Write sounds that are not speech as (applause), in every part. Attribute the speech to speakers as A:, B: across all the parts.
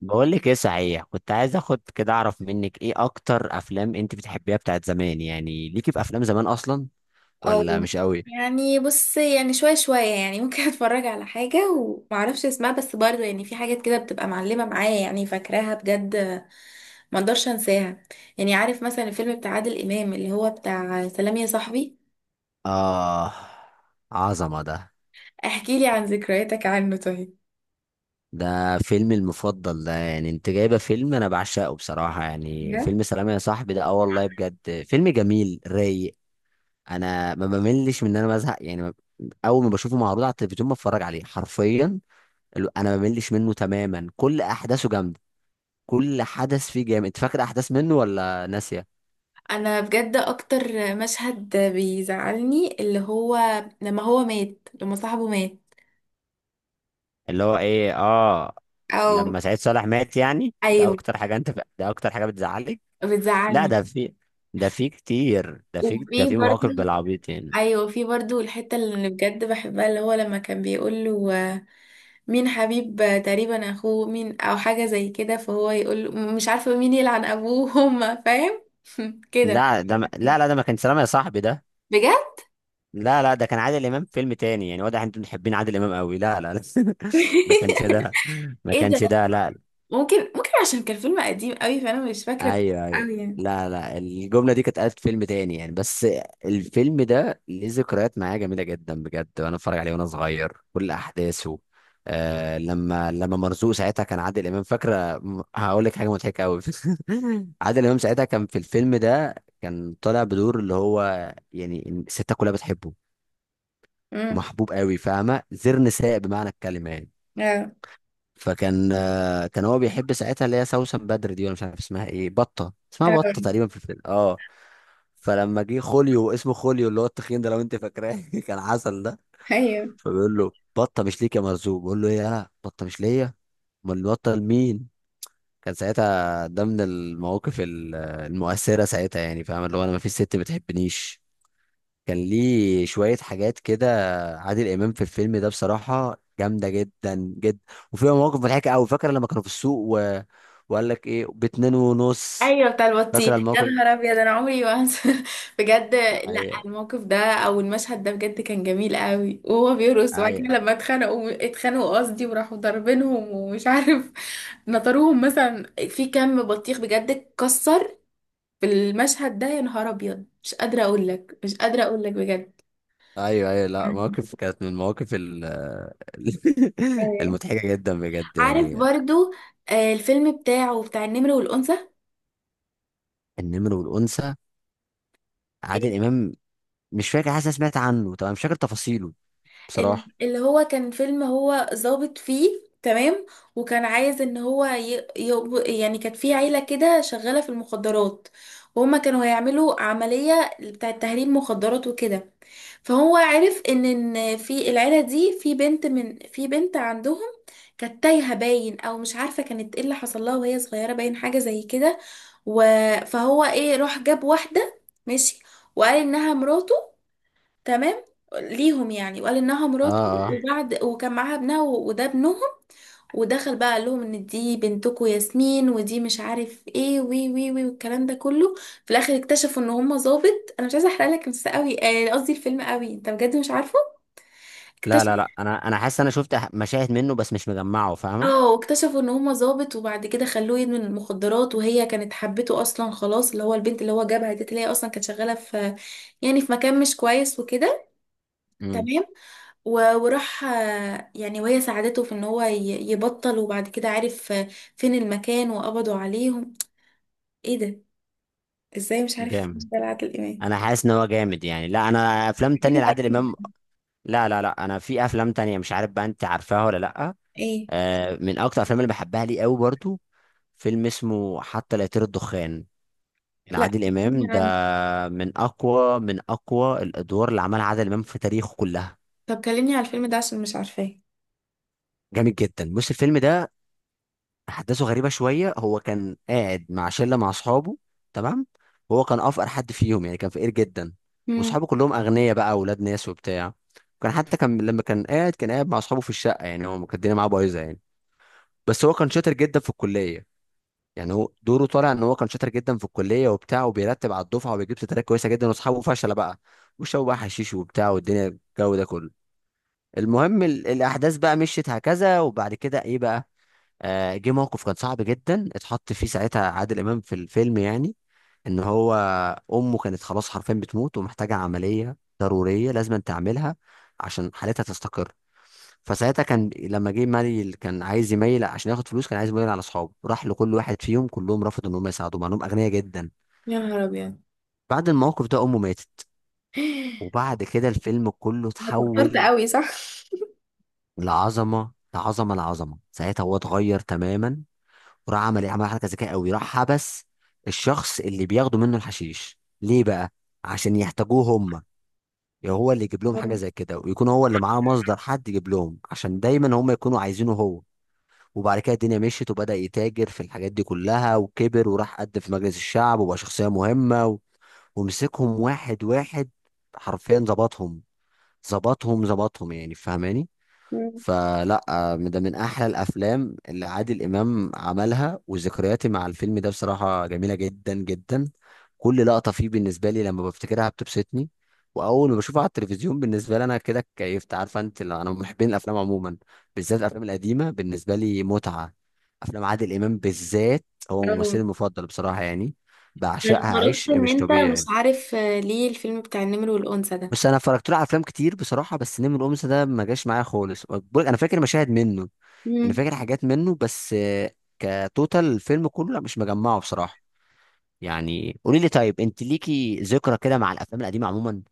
A: بقول لك ايه، صحيح كنت عايز اخد كده اعرف منك ايه اكتر افلام انت بتحبيها بتاعت زمان، يعني ليكي في افلام زمان اصلا ولا
B: او
A: مش قوي؟
B: يعني بص، يعني شوية شوية، يعني ممكن (laughs) اتفرج على حاجة ومعرفش اسمها، بس برضو يعني في حاجات كده بتبقى معلمة معايا يعني فاكراها بجد. ما اقدرش انساها. يعني عارف مثلا الفيلم بتاع عادل امام اللي هو بتاع سلام يا صاحبي.
A: اه، عظمه ده.
B: احكي لي عن ذكرياتك عنه طيب.
A: ده فيلمي المفضل ده، يعني انت جايبه فيلم انا بعشقه بصراحه، يعني
B: بجد؟
A: فيلم سلام يا صاحبي ده، اه والله بجد فيلم جميل رايق. انا ما بملش من ان انا بزهق، يعني اول ما بشوفه معروض على التلفزيون بتفرج عليه حرفيا. انا ما بملش منه تماما، كل احداثه جامده، كل حدث فيه جامد، فاكر احداث منه ولا ناسيه.
B: انا بجد اكتر مشهد بيزعلني اللي هو لما هو مات، لما صاحبه مات.
A: اللي هو ايه، اه.
B: او.
A: لما سعيد صالح مات، يعني ده
B: ايوه.
A: اكتر حاجه انت، ده اكتر حاجه بتزعلك. لا،
B: بتزعلني.
A: ده في كتير، ده في ده
B: وفي
A: في
B: برضو.
A: مواقف بالعبيط يعني.
B: ايوه في برضو الحته اللي بجد بحبها، اللي هو لما كان بيقول له مين حبيب، تقريبا اخوه مين او حاجه زي كده، فهو يقول له مش عارفه مين يلعن ابوه، هما فاهم (laughs) كده.
A: لا، ده ما... لا ده ما كان سلام يا صاحبي ده.
B: بجد.
A: لا ده كان عادل امام في فيلم تاني، يعني واضح انتوا محبين عادل امام قوي، لا لا لا (laughs) ما كانش
B: (laughs)
A: ده، ما
B: ايه
A: كانش
B: ده.
A: ده لا.
B: ممكن عشان كان فيلم قديم قوي، فانا مش فاكره
A: ايوه ايوه،
B: قوي يعني.
A: لا الجمله دي كانت قالت في فيلم تاني يعني، بس الفيلم ده ليه ذكريات معايا جميله جدا بجد، وانا اتفرج عليه وانا صغير كل احداثه. آه، لما مرزوق ساعتها كان عادل امام، فاكره هقول لك حاجه مضحكه قوي. (laughs) عادل امام ساعتها كان في الفيلم ده كان طالع بدور، اللي هو يعني الستات كلها بتحبه
B: امم
A: ومحبوب قوي، فاهمه؟ زر نساء بمعنى الكلمه يعني.
B: اه
A: فكان كان هو بيحب ساعتها اللي هي سوسن بدر دي، ولا مش عارف اسمها ايه، بطه اسمها، بطه
B: اه.
A: تقريبا في الفيلم، اه. فلما جه خوليو، اسمه خوليو اللي هو التخين ده لو انت فاكراه، (laughs) كان عسل ده.
B: ايوه
A: فبيقول له بطه مش ليك يا مرزوق، بيقول له ايه انا بطه مش ليا، امال البطه لمين. كان ساعتها ده من المواقف المؤثره ساعتها، يعني فاهم اللي هو انا ما فيش ست بتحبنيش. كان ليه شويه حاجات كده. عادل امام في الفيلم ده بصراحه جامده جدا جدا، وفيها مواقف مضحكه قوي. فاكر لما كانوا في السوق و... وقال لك ايه باتنين ونص.
B: ايوه بتاع
A: فاكر
B: البطيخ، يا
A: الموقف،
B: نهار ابيض انا عمري ما هنسى. (laughs) بجد، لا
A: ايوه،
B: الموقف ده او المشهد ده بجد كان جميل قوي، وهو بيرقص وبعد كده
A: أيوه.
B: لما اتخانقوا، اتخانقوا قصدي، وراحوا ضاربينهم ومش عارف. (laughs) نطروهم مثلا. في كم بطيخ بجد اتكسر في المشهد ده. يا نهار ابيض، مش قادره اقول لك، مش قادره اقول لك بجد.
A: ايوه ايوه، لا، مواقف كانت من المواقف (laughs)
B: أيوة.
A: المضحكه جدا بجد
B: عارف
A: يعني.
B: برضو الفيلم بتاعه بتاع النمر والانثى.
A: النمر والانثى، عادل امام، مش فاكر، حاسس أنا سمعت عنه طبعا، مش فاكر تفاصيله بصراحه.
B: اللي هو كان فيلم هو ظابط فيه، تمام، وكان عايز ان هو يعني كانت في عيلة كده شغالة في المخدرات، وهما كانوا هيعملوا عملية بتاعة تهريب مخدرات وكده. فهو عرف إن في العيلة دي في بنت، من في بنت عندهم كانت تايهة باين، او مش عارفة كانت ايه اللي حصل لها وهي صغيرة باين حاجة زي كده. و... فهو ايه راح جاب واحدة، ماشي، وقال انها مراته، تمام، ليهم يعني، وقال انها
A: اه
B: مراته،
A: اه.
B: وبعد وكان معاها ابنها وده ابنهم. ودخل بقى قال لهم ان دي بنتكم ياسمين ودي مش عارف ايه وي وي وي والكلام ده كله. في الاخر اكتشفوا ان هم ظابط. انا مش عايزه احرق لك بس قوي، قصدي الفيلم قوي، انت بجد مش عارفه.
A: لا
B: اكتشف.
A: لا لا، انا حاسس انا شفت مشاهد منه بس مش مجمعه، فاهمه؟
B: اه، واكتشفوا ان هم ظابط، وبعد كده خلوه يدمن المخدرات، وهي كانت حبته اصلا، خلاص اللي هو البنت اللي هو جابها دي اللي هي اصلا كانت شغاله في يعني في مكان مش كويس وكده.
A: امم.
B: تمام. وراح يعني وهي ساعدته في ان هو يبطل، وبعد كده عارف فين المكان وقبضوا عليهم. ايه ده، ازاي؟ مش عارف،
A: جامد،
B: ده عادل امام.
A: انا حاسس ان هو جامد يعني. لا انا افلام تانية
B: حلوة
A: لعادل امام،
B: جدا.
A: لا لا لا، انا في افلام تانية مش عارف بقى انت عارفاها ولا لا.
B: ايه.
A: آه، من اكتر الافلام اللي بحبها لي قوي برضو، فيلم اسمه حتى لا يطير الدخان
B: لا،
A: لعادل
B: كلمني
A: امام ده،
B: عن.
A: من اقوى من اقوى الادوار اللي عملها عادل امام في تاريخه كلها.
B: طب كلمني على الفيلم ده عشان مش عارفاه.
A: جامد جدا. بص، الفيلم ده احداثه غريبه شويه. هو كان قاعد مع شله، مع اصحابه، تمام، وهو كان افقر حد فيهم يعني، كان فقير جدا،
B: مم.
A: واصحابه كلهم اغنياء بقى، اولاد ناس وبتاع. كان حتى كان لما كان قاعد، كان قاعد مع اصحابه في الشقه، يعني هو كان الدنيا معاه بايظه يعني، بس هو كان شاطر جدا في الكليه. يعني هو دوره طالع ان هو كان شاطر جدا في الكليه وبتاع، وبيرتب على الدفعه وبيجيب ستارات كويسه جدا، واصحابه فشله بقى، وشربوا بقى حشيش وبتاع، والدنيا الجو ده كله. المهم الاحداث بقى مشيت هكذا، وبعد كده ايه بقى، آه، جه موقف كان صعب جدا اتحط فيه ساعتها عادل امام في الفيلم، يعني ان هو امه كانت خلاص حرفيا بتموت ومحتاجه عمليه ضروريه لازم تعملها عشان حالتها تستقر. فساعتها كان لما جه مالي كان عايز يميل عشان ياخد فلوس، كان عايز يميل على اصحابه، راح لكل واحد فيهم كلهم رفضوا ان هم يساعدوه مع انهم اغنياء جدا.
B: يا نهار ابيض.
A: بعد الموقف ده امه ماتت،
B: (laughs)
A: وبعد كده الفيلم كله
B: اتأثرت
A: اتحول
B: قوي صح.
A: لعظمه لعظمه لعظمه. ساعتها هو اتغير تماما، وراح عمل ايه، عمل حركه ذكيه قوي، راح حبس الشخص اللي بياخدوا منه الحشيش ليه بقى، عشان يحتاجوه هم، يعني هو اللي يجيب لهم حاجه زي كده، ويكون هو اللي معاه مصدر حد يجيب لهم، عشان دايما هم يكونوا عايزينه هو. وبعد كده الدنيا مشيت وبدأ يتاجر في الحاجات دي كلها، وكبر وراح قد في مجلس الشعب وبقى شخصية مهمة و... ومسكهم واحد واحد، حرفيا ظبطهم، ظبطهم يعني، فاهماني؟
B: مم.
A: فلا، ده من احلى الافلام اللي عادل امام عملها، وذكرياتي مع الفيلم ده بصراحه جميله جدا جدا. كل لقطه فيه بالنسبه لي لما بفتكرها بتبسطني، واول ما بشوفها على التلفزيون بالنسبه لي انا كده كيفت، عارفه انت لو انا من محبين الافلام عموما، بالذات الافلام القديمه بالنسبه لي متعه. افلام عادل امام بالذات، هو
B: أوي.
A: ممثلي المفضل بصراحه يعني،
B: أنا
A: بعشقها
B: استغربت
A: عيش
B: ان
A: مش
B: انت
A: طبيعي
B: مش
A: يعني.
B: عارف ليه الفيلم بتاع النمر والانثى
A: بس انا اتفرجت له على افلام كتير بصراحه، بس نمر الأمس ده ما جاش معايا خالص، بقولك انا فاكر مشاهد منه، انا
B: ده.
A: فاكر حاجات منه بس كتوتال الفيلم كله لا مش مجمعه بصراحه. يعني قولي لي طيب، انت ليكي ذكرى كده مع الافلام القديمه عموما،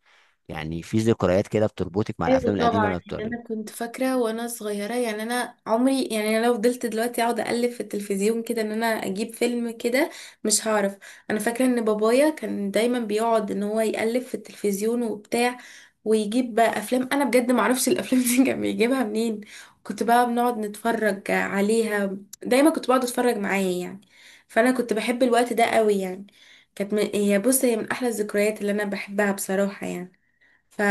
A: يعني في ذكريات كده بتربطك مع
B: ايوه
A: الافلام القديمه
B: طبعا،
A: انا
B: يعني
A: بتقول؟
B: انا كنت فاكره وانا صغيره، يعني انا عمري، يعني انا لو فضلت دلوقتي اقعد اقلب في التلفزيون كده ان انا اجيب فيلم كده مش هعرف. انا فاكره ان بابايا كان دايما بيقعد ان هو يقلب في التلفزيون وبتاع، ويجيب بقى افلام انا بجد ما اعرفش (laughs) الافلام دي كان بيجيبها منين. كنت بقى بنقعد نتفرج عليها، دايما كنت بقعد اتفرج معاه يعني، فانا كنت بحب الوقت ده قوي يعني. هي بص، هي من احلى الذكريات اللي انا بحبها بصراحه يعني. ف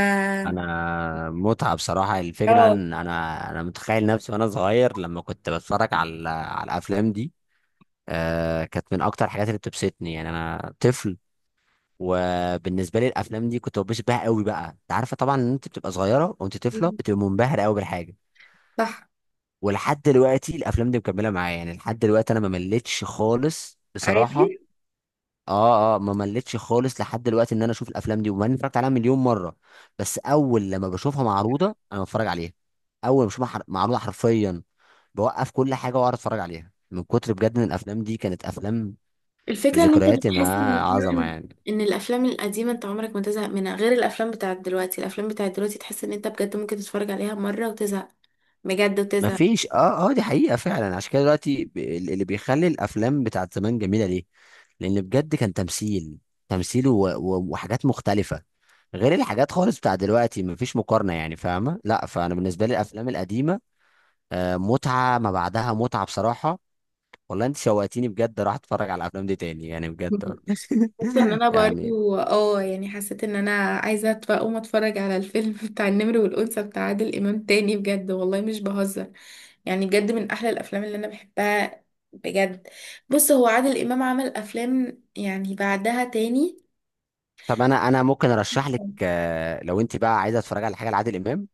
A: انا متعه بصراحه الفكره
B: اه.
A: ان انا متخيل نفسي وانا صغير لما كنت بتفرج على الافلام دي. آه، كانت من اكتر الحاجات اللي بتبسطني يعني، انا طفل وبالنسبه لي الافلام دي كنت ببسط بيها قوي بقى، انت عارفه طبعا ان انت بتبقى صغيره وانت طفله بتبقى منبهر قوي بالحاجه.
B: صح.
A: ولحد دلوقتي الافلام دي مكمله معايا، يعني لحد دلوقتي انا ما مليتش خالص بصراحه.
B: عادي.
A: اه اه، ما مليتش خالص لحد دلوقتي ان انا اشوف الافلام دي، وما اني اتفرجت عليها مليون مره بس اول لما بشوفها معروضه انا بتفرج عليها. اول ما بشوفها معروضه حرفيا بوقف كل حاجه واقعد اتفرج عليها، من كتر بجد ان الافلام دي كانت افلام
B: الفكرة ان انت
A: ذكرياتي
B: بتحس
A: معاه
B: ان
A: عظمه
B: فعلا
A: يعني.
B: ان الافلام القديمة انت عمرك ما تزهق منها، غير الافلام بتاعت دلوقتي. الافلام بتاعت دلوقتي تحس ان انت بجد ممكن تتفرج عليها مرة وتزهق، بجد
A: ما
B: وتزهق.
A: فيش، اه اه، دي حقيقة فعلا. عشان كده دلوقتي اللي بيخلي الافلام بتاعت زمان جميلة ليه، لان بجد كان تمثيل، تمثيل و... و... وحاجات مختلفة غير الحاجات خالص بتاع دلوقتي، ما فيش مقارنة يعني فاهمة؟ لا، فانا بالنسبة لي الافلام القديمة آه متعة ما بعدها متعة بصراحة. والله انت شوقتيني بجد، راح اتفرج على الافلام دي تاني يعني بجد
B: (laughs)
A: والله.
B: حسيت ان انا
A: (laughs) يعني
B: برضو يعني حسيت ان انا عايزة اقوم اتفرج على الفيلم (laughs) بتاع النمر والانثى بتاع عادل امام تاني، بجد والله مش بهزر، يعني بجد من احلى الافلام اللي انا بحبها بجد. بص هو عادل امام عمل افلام يعني بعدها تاني.
A: طب، انا ممكن ارشح لك لو انت بقى عايزة تتفرج على حاجة لعادل امام،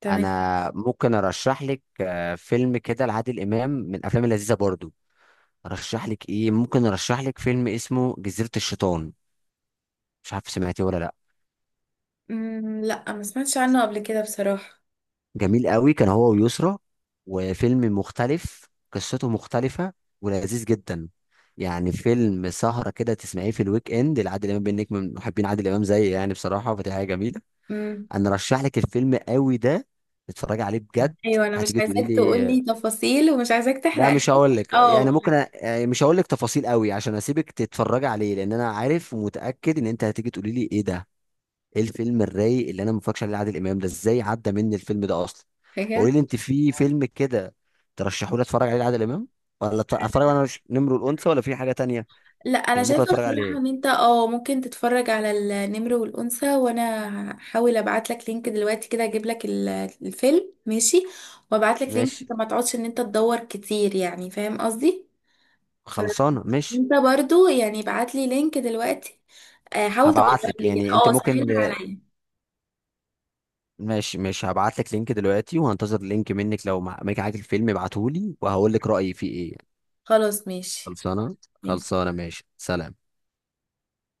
B: تمام.
A: انا ممكن ارشح لك فيلم كده لعادل امام من الافلام اللذيذه برضو. ارشح لك ايه، ممكن ارشح لك فيلم اسمه جزيره الشيطان، مش عارف سمعتيه ولا لا.
B: مم، لا ما سمعتش عنه قبل كده بصراحة.
A: جميل قوي، كان هو ويسرا، وفيلم مختلف قصته مختلفه ولذيذ جدا، يعني فيلم سهره كده تسمعيه في الويك اند لعادل امام، بانك من محبين عادل امام زي يعني بصراحه، فدي حاجه جميله.
B: مم.
A: انا ارشح لك الفيلم قوي ده، اتفرجي عليه بجد.
B: ايوه، انا مش
A: هتيجي تقولي
B: عايزاك
A: لي،
B: تقولي تفاصيل ومش عايزاك
A: لا
B: تحرق.
A: مش هقول لك، يعني
B: اه.
A: ممكن أ... يعني مش هقول لك تفاصيل قوي عشان اسيبك تتفرجي عليه، لان انا عارف ومتاكد ان انت هتيجي تقولي لي ايه ده، ايه الفيلم الرايق اللي انا ما اتفرجش عليه عادل امام ده، ازاي عدى مني الفيلم ده اصلا.
B: حاجة.
A: فقولي لي انت في فيلم كده ترشحوا لي اتفرج عليه عادل امام، ولا اتفرج وانا مش نمر الانثى، ولا في حاجه تانية
B: لا انا
A: يعني ممكن
B: شايفة
A: اتفرج
B: بصراحة ان
A: عليه.
B: انت ممكن تتفرج على النمر والانثى. وانا هحاول ابعت لك لينك دلوقتي كده اجيب لك الفيلم، ماشي، وابعت لك لينك
A: ماشي،
B: عشان ما تقعدش ان انت تدور كتير، يعني فاهم قصدي. فانت
A: خلصانه ماشي.
B: برضو يعني ابعت لي لينك دلوقتي، حاول تدور
A: هبعت لك،
B: لي كده،
A: يعني انت ممكن،
B: سهلها عليا.
A: ماشي ماشي، هبعت لك لينك دلوقتي، وهنتظر لينك منك، لو معاك الفيلم ابعته لي وهقول لك رايي فيه ايه.
B: خلاص، ماشي،
A: خلصانه.
B: ماشي
A: خلصانه ماشي، سلام.